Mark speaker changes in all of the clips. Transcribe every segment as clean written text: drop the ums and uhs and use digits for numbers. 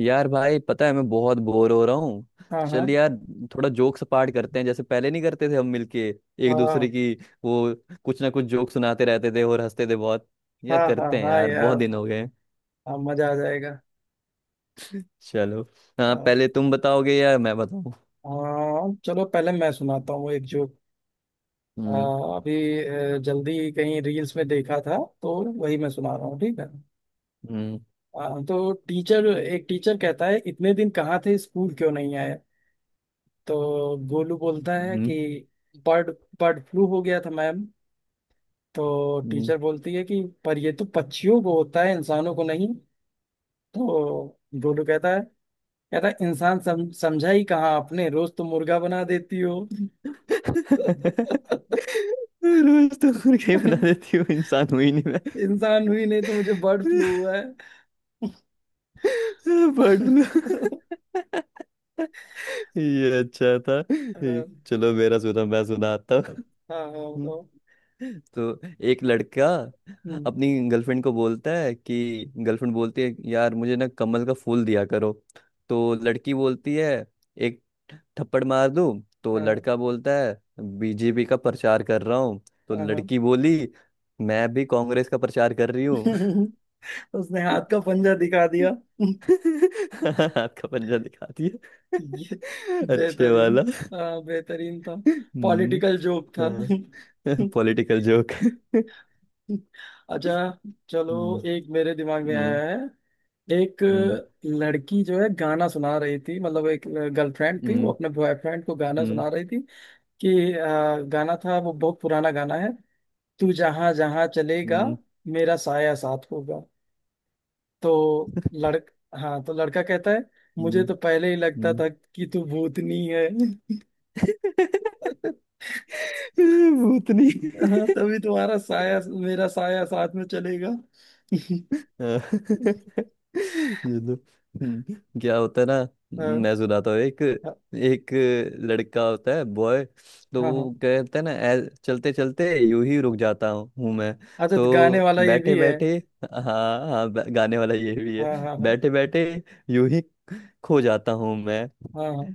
Speaker 1: यार भाई पता है मैं बहुत बोर हो रहा हूँ।
Speaker 2: हाँ हाँ
Speaker 1: चल यार, थोड़ा जोक्स पार्ट करते हैं, जैसे पहले नहीं करते थे हम मिलके एक दूसरे
Speaker 2: हाँ
Speaker 1: की। वो कुछ ना कुछ जोक सुनाते रहते थे और हंसते थे बहुत। यार
Speaker 2: हाँ हाँ
Speaker 1: करते हैं
Speaker 2: हाँ
Speaker 1: यार, बहुत
Speaker 2: यार।
Speaker 1: दिन हो गए।
Speaker 2: हाँ, मजा आ जाएगा।
Speaker 1: चलो। हाँ,
Speaker 2: हाँ।
Speaker 1: पहले तुम बताओगे या मैं बताऊँ?
Speaker 2: हाँ, चलो पहले मैं सुनाता हूँ एक जोक। आ,
Speaker 1: हम्म।
Speaker 2: अभी जल्दी कहीं रील्स में देखा था। तो वही मैं सुना रहा हूँ, ठीक है।
Speaker 1: हम्म।
Speaker 2: तो टीचर, एक टीचर कहता है इतने दिन कहाँ थे, स्कूल क्यों नहीं आए। तो गोलू बोलता है
Speaker 1: हम्म।
Speaker 2: कि बर्ड बर्ड फ्लू हो गया था मैम। तो
Speaker 1: हम्म।
Speaker 2: टीचर बोलती है कि पर ये तो पक्षियों को होता है, इंसानों को नहीं। तो गोलू कहता है यार इंसान समझा ही कहाँ आपने, रोज तो मुर्गा बना देती हो।
Speaker 1: रोज तो मुर्गा ही बना देती हूँ, इंसान हुई नहीं मैं।
Speaker 2: इंसान हुई नहीं तो मुझे बर्ड फ्लू हुआ है।
Speaker 1: Bird flu.
Speaker 2: हाँ।
Speaker 1: ये अच्छा था। चलो मेरा सुना, मैं सुनाता हूँ।
Speaker 2: हाँ हाँ। बताओ।
Speaker 1: तो एक लड़का
Speaker 2: हम्म,
Speaker 1: अपनी गर्लफ्रेंड को बोलता है कि, गर्लफ्रेंड बोलती है यार मुझे ना कमल का फूल दिया करो। तो लड़की बोलती है एक थप्पड़ मार दूँ। तो
Speaker 2: हाँ
Speaker 1: लड़का बोलता है बीजेपी का प्रचार कर रहा हूँ। तो
Speaker 2: हाँ। हाँ।
Speaker 1: लड़की बोली मैं भी कांग्रेस का प्रचार कर रही हूँ।
Speaker 2: उसने हाथ का पंजा दिखा दिया।
Speaker 1: हाथ का पंजा दिखा दिया।
Speaker 2: ये
Speaker 1: अच्छे वाला।
Speaker 2: बेहतरीन। हाँ बेहतरीन था।
Speaker 1: हम्म।
Speaker 2: पॉलिटिकल जोक था।
Speaker 1: हाँ। Political joke.
Speaker 2: अच्छा। चलो
Speaker 1: हम्म।
Speaker 2: एक मेरे दिमाग में
Speaker 1: हम्म।
Speaker 2: आया है। एक
Speaker 1: हम्म।
Speaker 2: लड़की जो है गाना सुना रही थी, मतलब एक गर्लफ्रेंड थी, वो
Speaker 1: हम्म।
Speaker 2: अपने बॉयफ्रेंड को गाना सुना रही थी कि गाना था, वो बहुत पुराना गाना है, तू जहां जहां चलेगा
Speaker 1: हम्म।
Speaker 2: मेरा साया साथ होगा। तो लड़क हाँ, तो लड़का कहता है मुझे
Speaker 1: हम्म,
Speaker 2: तो पहले ही लगता
Speaker 1: हम्म,
Speaker 2: था कि तू भूतनी है।
Speaker 1: भूतनी।
Speaker 2: हाँ तभी तुम्हारा साया मेरा साया साथ में चलेगा।
Speaker 1: हाँ, ये तो हम्म, क्या होता है ना।
Speaker 2: हाँ
Speaker 1: मैं सुनाता हूँ एक।
Speaker 2: हाँ
Speaker 1: एक लड़का होता है बॉय। तो
Speaker 2: हाँ हाँ।
Speaker 1: वो कहता है ना, चलते चलते यूं ही रुक जाता हूँ हूँ मैं।
Speaker 2: अच्छा, तो गाने
Speaker 1: तो
Speaker 2: वाला ये
Speaker 1: बैठे
Speaker 2: भी है।
Speaker 1: बैठे, हाँ हाँ, गाने वाला ये भी है।
Speaker 2: हाँ हाँ हाँ
Speaker 1: बैठे बैठे यूं ही खो जाता हूँ मैं,
Speaker 2: हाँ हाँ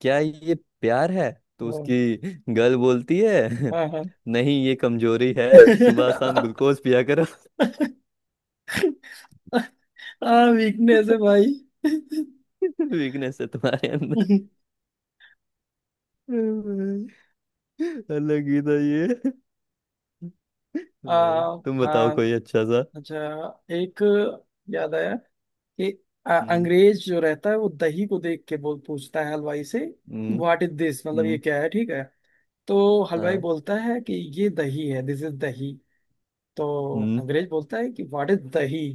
Speaker 1: क्या ये प्यार है? तो
Speaker 2: हाँ।
Speaker 1: उसकी गर्ल बोलती है
Speaker 2: हाँ हाँ।
Speaker 1: नहीं ये कमजोरी है, सुबह शाम ग्लूकोज पिया करो।
Speaker 2: आ वीकनेस है भाई।
Speaker 1: वीकनेस है तुम्हारे। भाई अलग ही था ये।
Speaker 2: आ
Speaker 1: भाई तुम बताओ
Speaker 2: हाँ
Speaker 1: कोई अच्छा सा।
Speaker 2: अच्छा। एक याद आया कि
Speaker 1: हम्म।
Speaker 2: अंग्रेज जो रहता है वो दही को देख के बोल पूछता है हलवाई से कि
Speaker 1: हम्म।
Speaker 2: व्हाट इज दिस, मतलब ये
Speaker 1: हम्म।
Speaker 2: क्या है, ठीक है। तो हलवाई
Speaker 1: हाँ,
Speaker 2: बोलता है कि ये दही है, दिस इज दही। तो
Speaker 1: हम्म।
Speaker 2: अंग्रेज बोलता है कि व्हाट इज दही।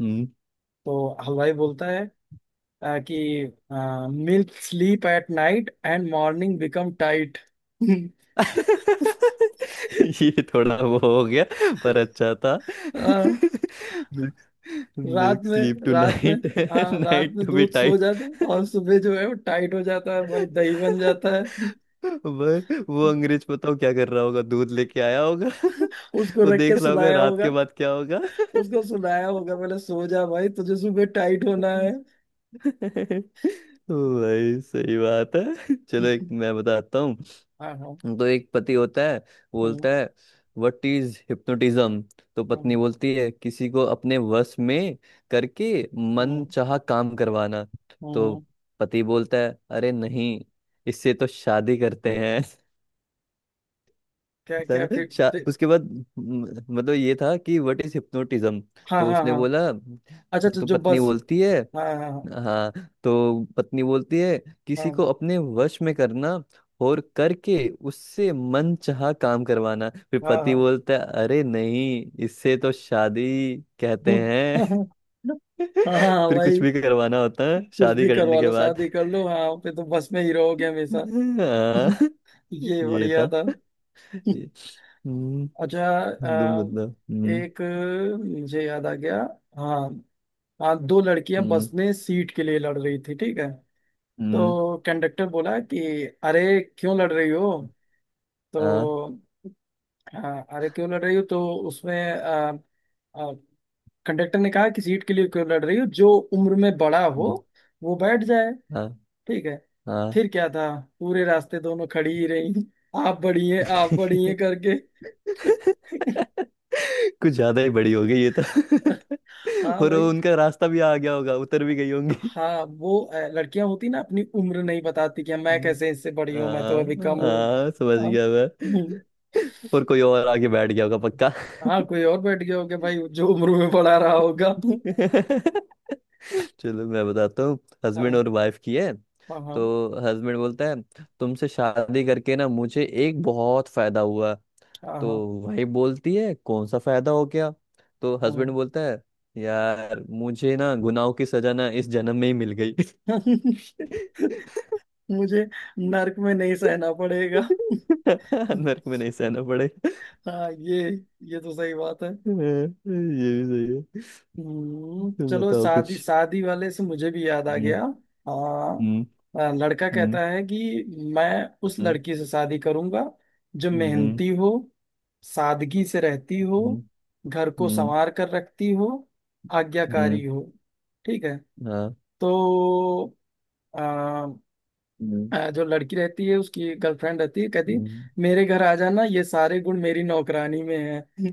Speaker 1: हम्म।
Speaker 2: तो हलवाई बोलता है कि milk sleep at night and morning become tight.
Speaker 1: ये थोड़ा वो हो गया, पर अच्छा था। मिल्क,
Speaker 2: रात
Speaker 1: मिल्क स्लीप
Speaker 2: में,
Speaker 1: टू
Speaker 2: रात में,
Speaker 1: नाइट,
Speaker 2: हाँ रात
Speaker 1: नाइट
Speaker 2: में
Speaker 1: टू बी
Speaker 2: दूध सो
Speaker 1: टाइट।
Speaker 2: जाता है और सुबह जो है वो टाइट हो जाता है भाई, दही बन जाता है।
Speaker 1: भाई, वो अंग्रेज बताओ क्या कर रहा होगा, दूध लेके आया होगा।
Speaker 2: उसको
Speaker 1: वो
Speaker 2: रख के
Speaker 1: देख रहा होगा
Speaker 2: सुलाया
Speaker 1: रात के
Speaker 2: होगा।
Speaker 1: बाद क्या होगा।
Speaker 2: उसको सुलाया होगा, पहले सो जा भाई तुझे सुबह टाइट होना है।
Speaker 1: भाई सही बात है, चलो एक मैं बताता हूँ।
Speaker 2: हाँ हाँ।
Speaker 1: तो एक पति होता है,
Speaker 2: हम्म
Speaker 1: बोलता है व्हाट इज हिप्नोटिज्म। तो पत्नी
Speaker 2: हम्म
Speaker 1: बोलती है किसी को अपने वश में करके मन
Speaker 2: हम्म
Speaker 1: चाहा काम करवाना। तो
Speaker 2: हम्म।
Speaker 1: पति बोलता है अरे नहीं, इससे तो शादी करते हैं।
Speaker 2: क्या क्या
Speaker 1: उसके बाद मतलब ये था कि व्हाट इज हिप्नोटिज्म।
Speaker 2: हाँ
Speaker 1: तो
Speaker 2: हाँ
Speaker 1: उसने
Speaker 2: हाँ।
Speaker 1: बोला,
Speaker 2: अच्छा अच्छा
Speaker 1: तो
Speaker 2: जो
Speaker 1: पत्नी
Speaker 2: बस।
Speaker 1: बोलती है,
Speaker 2: हाँ हाँ
Speaker 1: हाँ, तो पत्नी बोलती है
Speaker 2: हाँ
Speaker 1: किसी को
Speaker 2: हाँ
Speaker 1: अपने वश में करना और करके उससे मन चाहा काम करवाना। फिर
Speaker 2: हाँ
Speaker 1: पति
Speaker 2: हाँ।
Speaker 1: बोलता है अरे नहीं, इससे तो शादी कहते
Speaker 2: हूँ।
Speaker 1: हैं।
Speaker 2: हाँ
Speaker 1: फिर
Speaker 2: भाई
Speaker 1: कुछ भी करवाना होता है
Speaker 2: कुछ
Speaker 1: शादी
Speaker 2: भी
Speaker 1: करने
Speaker 2: करवा
Speaker 1: के
Speaker 2: लो,
Speaker 1: बाद।
Speaker 2: शादी कर लो, हाँ फिर तो बस में ही रहोगे हमेशा।
Speaker 1: हाँ।
Speaker 2: ये
Speaker 1: ये
Speaker 2: बढ़िया
Speaker 1: था।
Speaker 2: था।
Speaker 1: ये- हम्म।
Speaker 2: अच्छा।
Speaker 1: तुम बताओ। हम्म।
Speaker 2: एक मुझे याद आ गया। हाँ। हाँ, दो लड़कियां बस
Speaker 1: हम्म।
Speaker 2: में सीट के लिए लड़ रही थी, ठीक है।
Speaker 1: हम्म।
Speaker 2: तो कंडक्टर बोला कि अरे क्यों लड़ रही हो। तो
Speaker 1: हाँ।
Speaker 2: हाँ, अरे क्यों लड़ रही हो तो उसमें अ, कंडक्टर ने कहा कि सीट के लिए क्यों लड़ रही हो, जो उम्र में बड़ा हो
Speaker 1: हम्म,
Speaker 2: वो बैठ जाए,
Speaker 1: हाँ,
Speaker 2: ठीक है।
Speaker 1: हाँ।
Speaker 2: फिर क्या था, पूरे रास्ते दोनों खड़ी ही रही, आप बड़ी हैं करके।
Speaker 1: कुछ ज्यादा ही बड़ी हो गई ये तो।
Speaker 2: हाँ
Speaker 1: और
Speaker 2: भाई।
Speaker 1: वो उनका रास्ता भी आ गया होगा, उतर भी गई होंगी।
Speaker 2: हाँ वो लड़कियां होती ना अपनी उम्र नहीं बताती, कि मैं
Speaker 1: हम्म,
Speaker 2: कैसे इससे बड़ी हूँ, मैं तो
Speaker 1: हाँ।
Speaker 2: अभी कम हूँ।
Speaker 1: हाँ समझ
Speaker 2: हाँ
Speaker 1: गया मैं।
Speaker 2: हम्म।
Speaker 1: और कोई और आके बैठ गया होगा पक्का।
Speaker 2: हाँ कोई और बैठ गया होगा भाई जो उम्र में पढ़ा रहा होगा।
Speaker 1: चलो मैं बताता हूँ। हस्बैंड
Speaker 2: हाँ
Speaker 1: और वाइफ की है।
Speaker 2: हाँ हाँ
Speaker 1: तो हस्बैंड बोलता है तुमसे शादी करके ना मुझे एक बहुत फायदा हुआ।
Speaker 2: हाँ हाँ।
Speaker 1: तो भाई बोलती है कौन सा फायदा हो गया। तो हस्बैंड बोलता है यार मुझे ना गुनाहों की सजा ना इस जन्म में ही मिल गई।
Speaker 2: हाँ। मुझे नर्क में नहीं सहना पड़ेगा।
Speaker 1: नरक में नहीं सहना पड़े।
Speaker 2: हाँ ये तो सही बात है।
Speaker 1: ये भी सही है। तुम
Speaker 2: चलो
Speaker 1: बताओ
Speaker 2: शादी
Speaker 1: कुछ।
Speaker 2: शादी वाले से मुझे भी याद आ
Speaker 1: हम्म।
Speaker 2: गया। हाँ।
Speaker 1: हम्म।
Speaker 2: लड़का
Speaker 1: हम्म।
Speaker 2: कहता है कि मैं उस लड़की से शादी करूंगा जो
Speaker 1: हम्म। हम्म।
Speaker 2: मेहनती हो, सादगी से रहती हो,
Speaker 1: हम्म।
Speaker 2: घर को
Speaker 1: हम्म,
Speaker 2: संवार कर रखती हो,
Speaker 1: हम्म,
Speaker 2: आज्ञाकारी हो, ठीक है।
Speaker 1: हाँ।
Speaker 2: तो अ,
Speaker 1: हम्म।
Speaker 2: जो लड़की रहती है उसकी गर्लफ्रेंड रहती है, कहती
Speaker 1: हम्म।
Speaker 2: मेरे घर आ जाना, ये सारे गुण मेरी नौकरानी में है।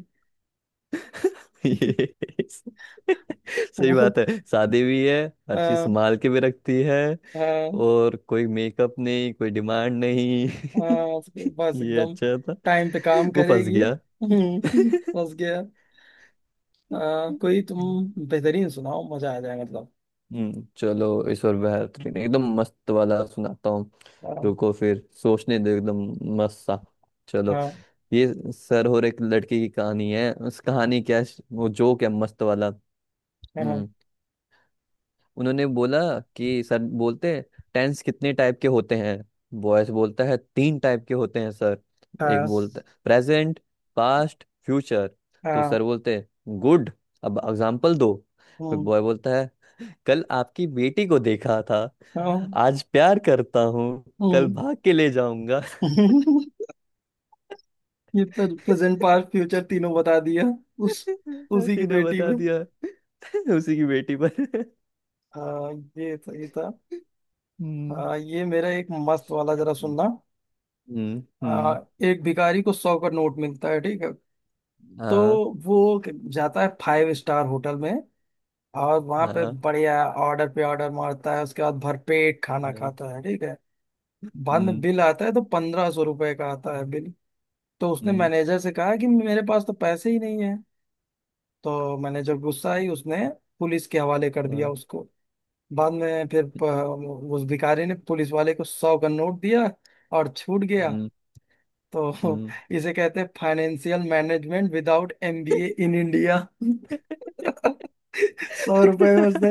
Speaker 1: ये। सही
Speaker 2: वो।
Speaker 1: बात है, शादी भी है, हर चीज
Speaker 2: हाँ
Speaker 1: संभाल के भी रखती है, और कोई मेकअप नहीं, कोई डिमांड नहीं।
Speaker 2: हाँ, उसके पास
Speaker 1: ये
Speaker 2: एकदम
Speaker 1: अच्छा था।
Speaker 2: टाइम पे काम
Speaker 1: वो फंस
Speaker 2: करेगी।
Speaker 1: गया।
Speaker 2: बस गया। हाँ कोई तुम बेहतरीन सुनाओ, मजा आ जाए मतलब।
Speaker 1: हम्म, चलो इस और बेहतरीन एकदम मस्त वाला सुनाता हूँ।
Speaker 2: हाँ
Speaker 1: रुको फिर सोचने दो एकदम मस्त सा। चलो।
Speaker 2: हाँ
Speaker 1: ये सर और एक लड़की की कहानी है, उस कहानी क्या है, वो जोक है मस्त वाला।
Speaker 2: हाँ
Speaker 1: हम्म। उन्होंने बोला कि, सर बोलते हैं टेंस कितने टाइप के होते हैं? बॉयस बोलता है तीन टाइप के होते हैं सर। एक
Speaker 2: हाँ
Speaker 1: बोलता प्रेजेंट, पास्ट, फ्यूचर। तो
Speaker 2: हाँ।
Speaker 1: सर बोलते हैं गुड, अब एग्जाम्पल दो। फिर
Speaker 2: हम्म।
Speaker 1: बॉय बोलता है कल आपकी बेटी को देखा था,
Speaker 2: हाँ,
Speaker 1: आज प्यार करता हूँ, कल
Speaker 2: हम्म।
Speaker 1: भाग के ले जाऊंगा।
Speaker 2: ये प्रेजेंट पास्ट फ्यूचर तीनों बता दिया। उस उसी की
Speaker 1: तीनों
Speaker 2: बेटी
Speaker 1: बता
Speaker 2: में।
Speaker 1: दिया। उसी की बेटी पर।
Speaker 2: हाँ ये सही था।
Speaker 1: हम्म।
Speaker 2: हाँ ये मेरा एक मस्त वाला जरा सुनना।
Speaker 1: हम्म। हम्म,
Speaker 2: हाँ। एक भिखारी को 100 का नोट मिलता है, ठीक है। तो
Speaker 1: हाँ।
Speaker 2: वो जाता है फाइव स्टार होटल में और वहां
Speaker 1: हाँ।
Speaker 2: पे
Speaker 1: हाँ,
Speaker 2: बढ़िया ऑर्डर पे ऑर्डर मारता है, उसके बाद भरपेट खाना
Speaker 1: हम्म।
Speaker 2: खाता है, ठीक है। बाद में बिल आता है तो 1500 रुपए का आता है बिल। तो उसने
Speaker 1: हम्म।
Speaker 2: मैनेजर से कहा कि मेरे पास तो पैसे ही नहीं है। तो मैनेजर गुस्सा आई, उसने पुलिस के हवाले कर दिया
Speaker 1: हाँ,
Speaker 2: उसको। बाद में फिर उस भिखारी ने पुलिस वाले को 100 का नोट दिया और छूट गया।
Speaker 1: हम्म।
Speaker 2: तो
Speaker 1: हम्म।
Speaker 2: इसे कहते हैं financial management without MBA in India. 100 रुपए में उसने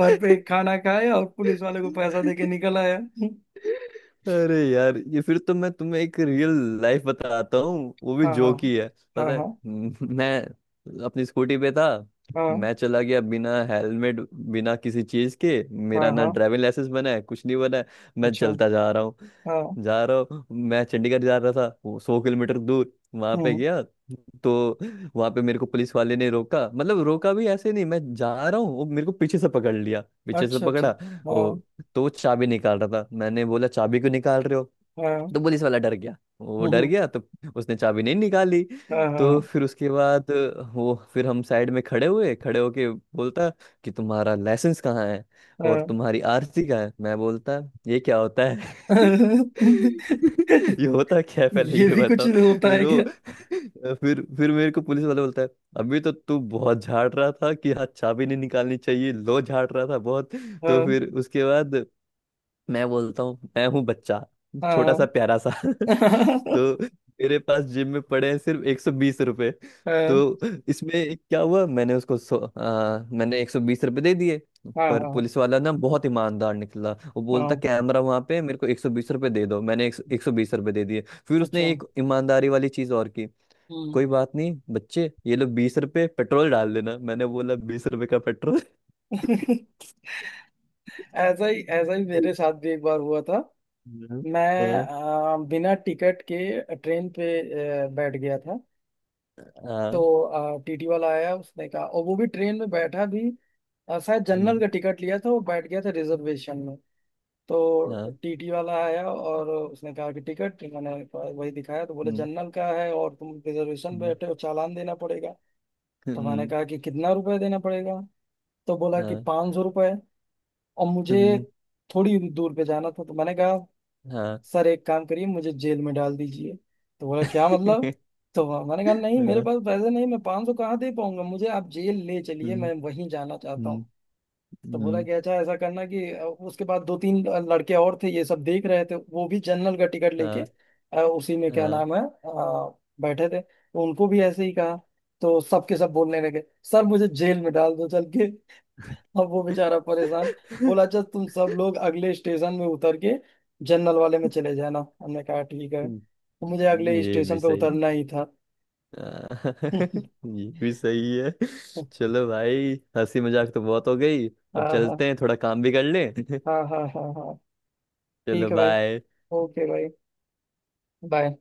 Speaker 2: भरपेट खाना खाया और पुलिस वाले को पैसा
Speaker 1: है।
Speaker 2: देके निकल आया।
Speaker 1: अरे यार ये, फिर तो मैं तुम्हें एक रियल लाइफ बताता हूँ, वो भी
Speaker 2: हाँ हाँ
Speaker 1: जोक ही है।
Speaker 2: हाँ
Speaker 1: पता है,
Speaker 2: हाँ
Speaker 1: मैं अपनी स्कूटी पे था,
Speaker 2: हाँ
Speaker 1: मैं चला गया बिना हेलमेट बिना किसी चीज के, मेरा
Speaker 2: हाँ
Speaker 1: ना
Speaker 2: हाँ।
Speaker 1: ड्राइविंग लाइसेंस बना है कुछ नहीं बना है। मैं
Speaker 2: अच्छा।
Speaker 1: चलता जा रहा हूँ,
Speaker 2: हाँ।
Speaker 1: जा रहा हूँ, मैं चंडीगढ़ जा रहा था, वो 100 किलोमीटर दूर, वहां पे
Speaker 2: हम्म।
Speaker 1: गया। तो वहां पे मेरे को पुलिस वाले ने रोका, मतलब रोका भी ऐसे नहीं, मैं जा रहा हूँ वो मेरे को पीछे से पकड़ लिया, पीछे से
Speaker 2: अच्छा अच्छा।
Speaker 1: पकड़ा।
Speaker 2: हाँ
Speaker 1: तो वो चाबी निकाल रहा था, मैंने बोला चाबी क्यों निकाल रहे हो।
Speaker 2: हाँ।
Speaker 1: तो पुलिस वाला डर गया, वो डर
Speaker 2: हम्म,
Speaker 1: गया, तो उसने चाबी नहीं निकाली।
Speaker 2: हाँ
Speaker 1: तो
Speaker 2: हाँ
Speaker 1: फिर उसके बाद वो फिर हम साइड में खड़े हुए, खड़े होके बोलता कि तुम्हारा लाइसेंस कहाँ है और
Speaker 2: हाँ।
Speaker 1: तुम्हारी आरसी कहाँ है। मैं बोलता ये क्या होता है? ये होता क्या है, पहले
Speaker 2: ये
Speaker 1: ये
Speaker 2: भी कुछ
Speaker 1: बताओ।
Speaker 2: होता
Speaker 1: फिर
Speaker 2: है
Speaker 1: वो
Speaker 2: क्या।
Speaker 1: फिर मेरे को पुलिस वाला बोलता है अभी तो तू बहुत झाड़ रहा था कि हाथ चाबी नहीं निकालनी चाहिए, लो झाड़ रहा था बहुत। तो
Speaker 2: हाँ
Speaker 1: फिर उसके बाद मैं बोलता हूँ मैं हूँ बच्चा,
Speaker 2: हाँ
Speaker 1: छोटा सा
Speaker 2: हाँ
Speaker 1: प्यारा सा। तो मेरे पास जिम में पड़े हैं सिर्फ 120 रुपये।
Speaker 2: हाँ
Speaker 1: तो इसमें क्या हुआ, मैंने उसको सौ मैंने 120 रुपये दे दिए।
Speaker 2: हाँ।
Speaker 1: पर
Speaker 2: हाँ,
Speaker 1: पुलिस वाला ना बहुत ईमानदार निकला, वो बोलता
Speaker 2: हाँ,
Speaker 1: कैमरा वहां पे है, मेरे को 120 रुपये दे दो, मैंने एक सौ बीस रुपये दे दिए। फिर
Speaker 2: अच्छा।
Speaker 1: उसने एक ईमानदारी वाली चीज और की,
Speaker 2: हम्म।
Speaker 1: कोई बात नहीं बच्चे ये लो 20 रुपये पेट्रोल डाल देना। मैंने बोला 20 रुपये का पेट्रोल।
Speaker 2: ऐसा ही, ऐसा ही मेरे साथ भी एक बार हुआ था।
Speaker 1: हाँ।
Speaker 2: मैं
Speaker 1: हाँ।
Speaker 2: बिना टिकट के ट्रेन पे बैठ गया था।
Speaker 1: हाँ।
Speaker 2: तो टीटी वाला आया उसने कहा, और वो भी ट्रेन में बैठा भी शायद जनरल
Speaker 1: हम्म,
Speaker 2: का टिकट लिया था, वो बैठ गया था रिजर्वेशन में। तो
Speaker 1: हाँ,
Speaker 2: टीटी वाला आया और उसने कहा कि टिकट, मैंने कहा- वही दिखाया, तो बोले
Speaker 1: हम्म।
Speaker 2: जनरल का है और तुम रिजर्वेशन
Speaker 1: हम्म,
Speaker 2: बैठे हो, चालान देना पड़ेगा। तो मैंने
Speaker 1: हम्म,
Speaker 2: कहा कि कितना रुपए देना पड़ेगा। तो बोला कि
Speaker 1: हाँ,
Speaker 2: 500 रुपए। और मुझे
Speaker 1: हम्म,
Speaker 2: थोड़ी दूर पे जाना था, तो मैंने कहा
Speaker 1: हाँ,
Speaker 2: सर एक काम करिए, मुझे जेल में डाल दीजिए। तो बोला क्या मतलब। तो मैंने कहा नहीं मेरे
Speaker 1: हाँ,
Speaker 2: पास पैसे नहीं, मैं 500 कहाँ दे पाऊंगा, मुझे आप जेल ले चलिए,
Speaker 1: हम्म,
Speaker 2: मैं वहीं जाना चाहता
Speaker 1: हम्म,
Speaker 2: हूँ। तो बोला
Speaker 1: हम्म,
Speaker 2: कि अच्छा ऐसा करना कि, उसके बाद दो तीन लड़के और थे ये सब देख रहे थे, वो भी जनरल का टिकट लेके
Speaker 1: हाँ,
Speaker 2: उसी में क्या
Speaker 1: हाँ,
Speaker 2: नाम है बैठे थे, तो उनको भी ऐसे ही कहा। तो सबके सब बोलने लगे सर मुझे जेल में डाल दो चल के। अब वो बेचारा परेशान बोला अच्छा तुम सब लोग अगले स्टेशन में उतर के जनरल वाले में चले जाना, हमने कहा ठीक है,
Speaker 1: हम्म,
Speaker 2: तो मुझे अगले
Speaker 1: ये भी
Speaker 2: स्टेशन पे
Speaker 1: सही।
Speaker 2: उतरना ही था।
Speaker 1: हाँ, ये भी सही है। चलो भाई हंसी मजाक तो बहुत हो गई, अब
Speaker 2: हाँ हाँ
Speaker 1: चलते हैं, थोड़ा काम भी कर लें।
Speaker 2: हाँ हाँ हाँ हाँ।
Speaker 1: चलो
Speaker 2: ठीक है भाई।
Speaker 1: बाय।
Speaker 2: ओके भाई। बाय।